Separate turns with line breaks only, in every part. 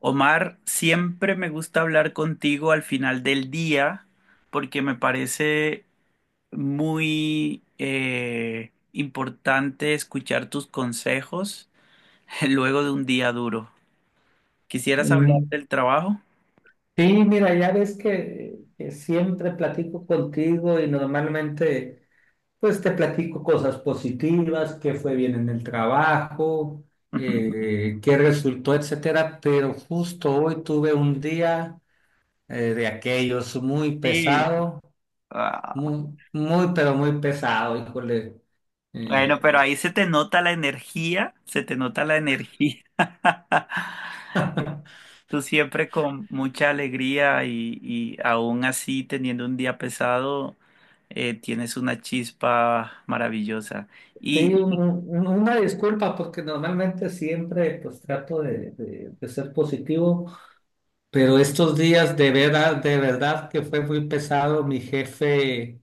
Omar, siempre me gusta hablar contigo al final del día porque me parece muy importante escuchar tus consejos luego de un día duro. ¿Quisieras hablar
Mm,
del trabajo?
Sí, mira, ya ves que siempre platico contigo y normalmente pues te platico cosas positivas, qué fue bien en el trabajo, qué resultó, etcétera, pero justo hoy tuve un día de aquellos muy
Sí.
pesado,
Ah,
muy, muy, pero muy pesado, híjole.
bueno,
Eh,
pero ahí se te nota la energía, se te nota la energía. Tú siempre con mucha alegría y aún así teniendo un día pesado, tienes una chispa maravillosa.
sí,
Y,
un-
y
un- una disculpa porque normalmente siempre pues trato de ser positivo. Pero estos días de verdad que fue muy pesado. Mi jefe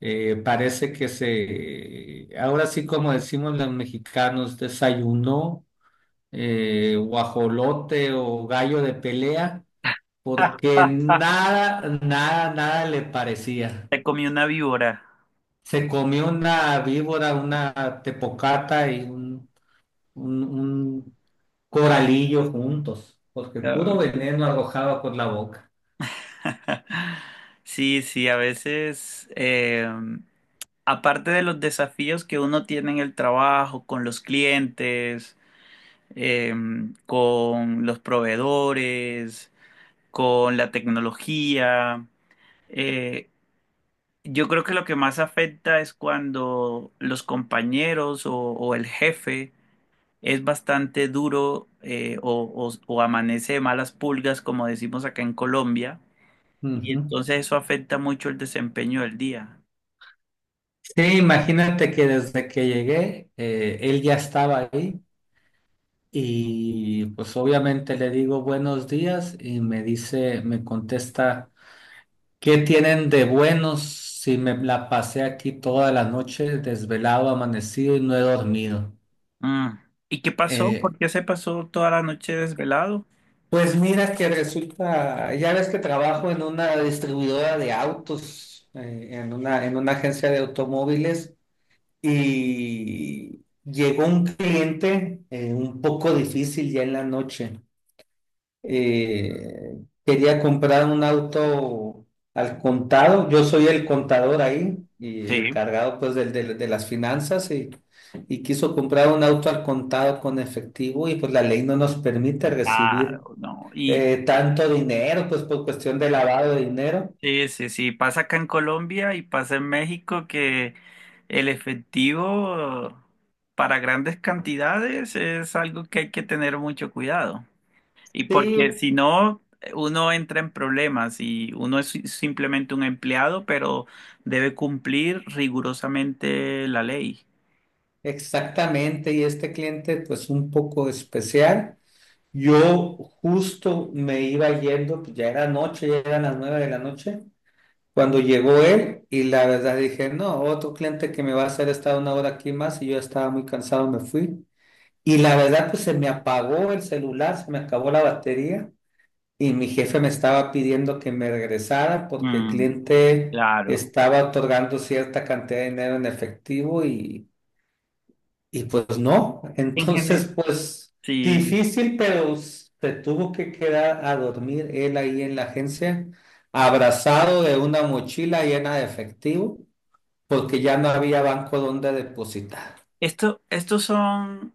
parece que ahora sí, como decimos los mexicanos, desayunó guajolote o gallo de pelea, porque nada, nada, nada le parecía.
te comí una víbora.
Se comió una víbora, una tepocata y un coralillo juntos, porque puro
Ah.
veneno arrojaba por la boca.
Sí, sí, a veces, aparte de los desafíos que uno tiene en el trabajo, con los clientes, eh, con los proveedores, con la tecnología, eh, yo creo que lo que más afecta es cuando los compañeros o el jefe es bastante duro o amanece de malas pulgas, como decimos acá en Colombia, y
Ujú.
entonces eso afecta mucho el desempeño del día.
Sí, imagínate que desde que llegué, él ya estaba ahí y pues obviamente le digo buenos días y me dice, me contesta, ¿qué tienen de buenos si me la pasé aquí toda la noche desvelado, amanecido y no he dormido?
Mm. ¿Y qué pasó?
Eh,
¿Por qué se pasó toda la noche desvelado?
pues mira que resulta, ya ves que trabajo en una distribuidora de autos, en una agencia de automóviles. Y llegó un cliente un poco difícil ya en la noche. Eh, quería comprar un auto al contado. Yo soy el contador ahí y el
Sí.
encargado pues de las finanzas y quiso comprar un auto al contado con efectivo y pues la ley no nos permite recibir
Claro, no. Y,
tanto dinero pues por cuestión de lavado de dinero.
sí, sí, sí, pasa acá en Colombia y pasa en México que el efectivo para grandes cantidades es algo que hay que tener mucho cuidado. Y porque
Sí,
si no, uno entra en problemas y uno es simplemente un empleado, pero debe cumplir rigurosamente la ley.
exactamente. Y este cliente pues un poco especial. Yo justo me iba yendo, pues ya era noche, ya eran las 9 de la noche, cuando llegó él y la verdad dije, no, otro cliente que me va a hacer estar una hora aquí más y yo estaba muy cansado, me fui. Y la verdad, pues se me apagó el celular, se me acabó la batería y mi jefe me estaba pidiendo que me regresara porque el
Mm,
cliente
claro.
estaba otorgando cierta cantidad de dinero en efectivo y pues no,
En
entonces
general,
pues
sí.
difícil, pero se tuvo que quedar a dormir él ahí en la agencia, abrazado de una mochila llena de efectivo, porque ya no había banco donde depositar.
Estos son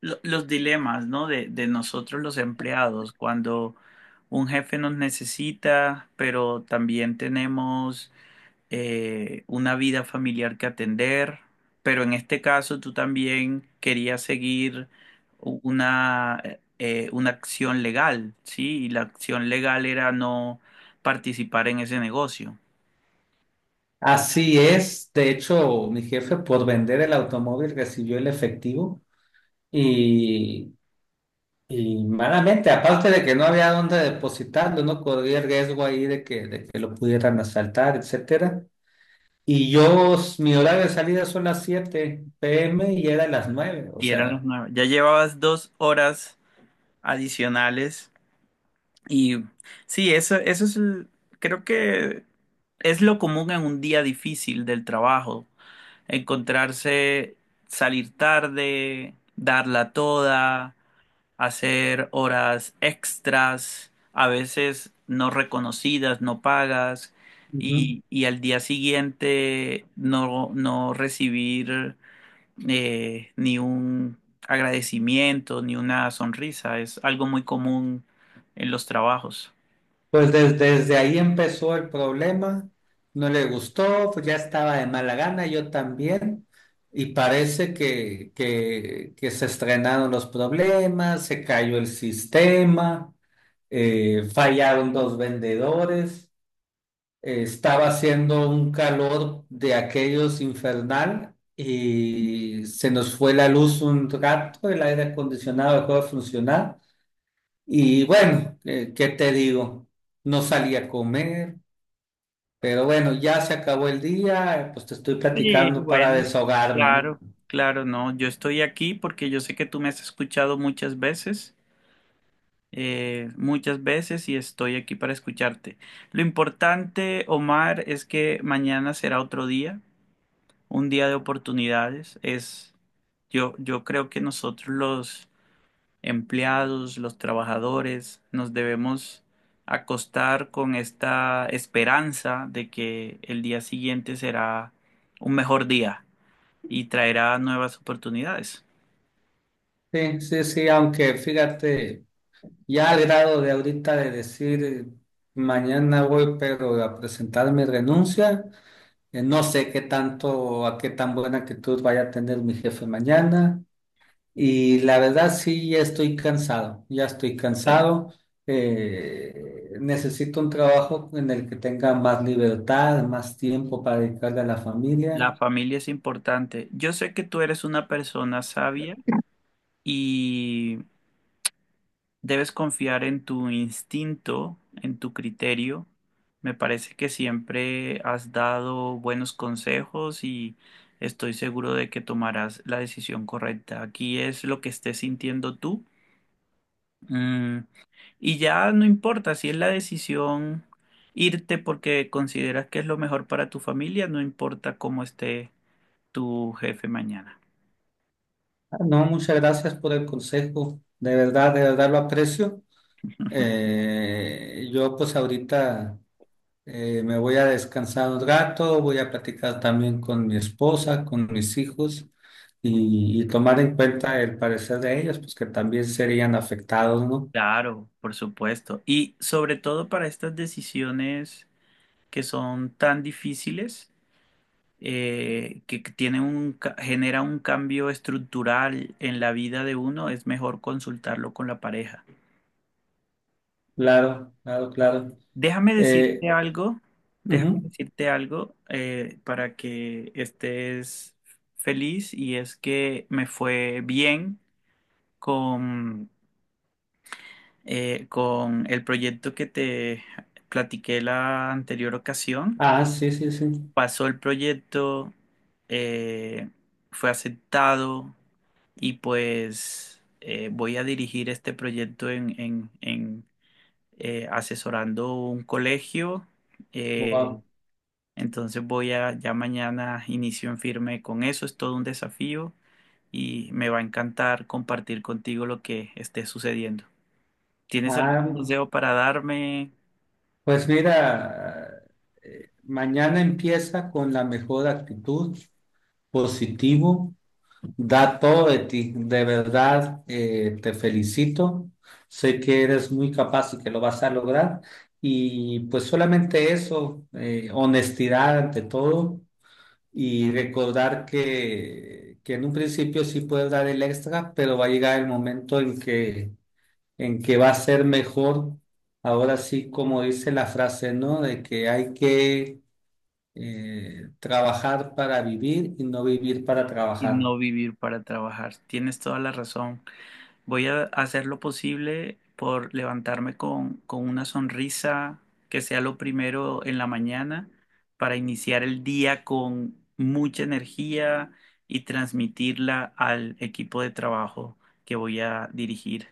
los dilemas, ¿no? De nosotros los empleados, cuando un jefe nos necesita, pero también tenemos una vida familiar que atender, pero en este caso tú también querías seguir u- una, una acción legal, ¿sí? Y la acción legal era no participar en ese negocio.
Así es, de hecho, mi jefe por vender el automóvil recibió el efectivo y, y malamente, aparte de que no había donde depositarlo, no corría el riesgo ahí de que lo pudieran asaltar, etcétera. Y yo, mi horario de salida son las 7 p.m. y era las 9, o
Y eran los
sea...
nueve. Ya llevabas dos horas adicionales. Y sí, eso es, creo que es lo común en un día difícil del trabajo, encontrarse, salir tarde, darla toda, hacer horas extras, a veces no reconocidas, no pagas,
Ujú.
y al día siguiente no, no recibir ni un agradecimiento, ni una sonrisa, es algo muy común en los trabajos.
Pues desde ahí empezó el problema. No le gustó, pues ya estaba de mala gana, yo también. Y parece que se estrenaron los problemas, se cayó el sistema, fallaron dos vendedores. Estaba haciendo un calor de aquellos infernal y se nos fue la luz un rato, el aire acondicionado dejó de funcionar y bueno, ¿qué te digo? No salí a comer, pero bueno, ya se acabó el día, pues te estoy
Sí,
platicando para
bueno,
desahogarme, ¿no?
claro, claro, no, yo estoy aquí porque yo sé que tú me has escuchado muchas veces y estoy aquí para escucharte. Lo importante, Omar, es que mañana será otro día, un día de oportunidades. Es, yo creo que nosotros los empleados, los trabajadores, nos debemos acostar con esta esperanza de que el día siguiente será un mejor día y traerá nuevas oportunidades.
Sí, sí, sí, aunque fíjate, ya al grado de ahorita de decir, mañana voy, pero a presentar mi renuncia. No sé qué tanto, a qué tan buena actitud vaya a tener mi jefe mañana. Y la verdad sí, ya estoy cansado, ya estoy
Sí.
cansado. Necesito un trabajo en el que tenga más libertad, más tiempo para dedicarle a la familia.
La familia es importante. Yo sé que tú eres una persona sabia y debes confiar en tu instinto, en tu criterio. Me parece que siempre has dado buenos consejos y estoy seguro de que tomarás la decisión correcta. Aquí es lo que estés sintiendo tú. Mm, y ya no importa si es la decisión irte porque consideras que es lo mejor para tu familia, no importa cómo esté tu jefe mañana.
Ah, no, muchas gracias por el consejo. De verdad lo aprecio. Yo pues ahorita. Me voy a descansar un rato, voy a platicar también con mi esposa, con mis hijos y tomar en cuenta el parecer de ellos, pues que también serían afectados, ¿no?
Claro, por supuesto. Y sobre todo para estas decisiones que son tan difíciles, que tienen un, genera un cambio estructural en la vida de uno, es mejor consultarlo con la pareja.
Claro, claro, claro.
Déjame
Eh,
decirte algo, déjame
ujú.
decirte algo para que estés feliz y es que me fue bien con, con el proyecto que te platiqué la anterior ocasión.
Ah, sí, sí, sí.
Pasó el proyecto, eh, fue aceptado y pues voy a dirigir este proyecto asesorando un colegio. eh,
Wow.
Entonces voy a, ya mañana inicio en firme con eso, es todo un desafío y me va a encantar compartir contigo lo que esté sucediendo. ¿Tienes algún
Ah,
consejo para darme
pues mira, mañana empieza con la mejor actitud, positivo. Da todo de ti, de verdad, te felicito. Sé que eres muy capaz y que lo vas a lograr. Y pues solamente eso, honestidad ante todo y recordar que en un principio sí puedes dar el extra, pero va a llegar el momento en que va a ser mejor. Ahora sí, como dice la frase, ¿no? De que hay que trabajar para vivir y no vivir para
y
trabajar.
no vivir para trabajar? Tienes toda la razón. Voy a hacer lo posible por levantarme con una sonrisa que sea lo primero en la mañana para iniciar el día con mucha energía y transmitirla al equipo de trabajo que voy a dirigir.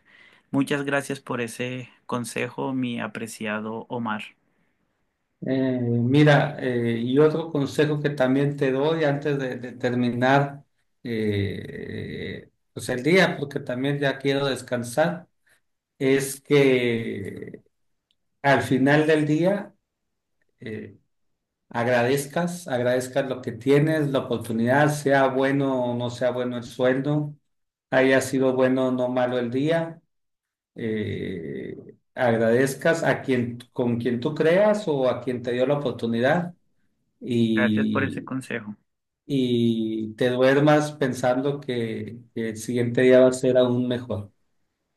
Muchas gracias por ese consejo, mi apreciado Omar.
Mira, y otro consejo que también te doy antes de terminar, pues el día, porque también ya quiero descansar, es que al final del día eh, agradezcas, agradezcas lo que tienes, la oportunidad, sea bueno o no sea bueno el sueldo, haya sido bueno o no malo el día, eh, agradezcas a quien, con quien tú creas o a quien te dio la oportunidad
Gracias por ese
y
consejo.
y te duermas pensando que el siguiente día va a ser aún mejor.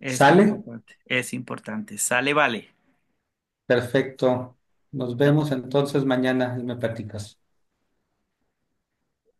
Es
¿Sale?
importante. Es importante. Sale, vale.
Perfecto. Nos vemos entonces mañana y me platicas.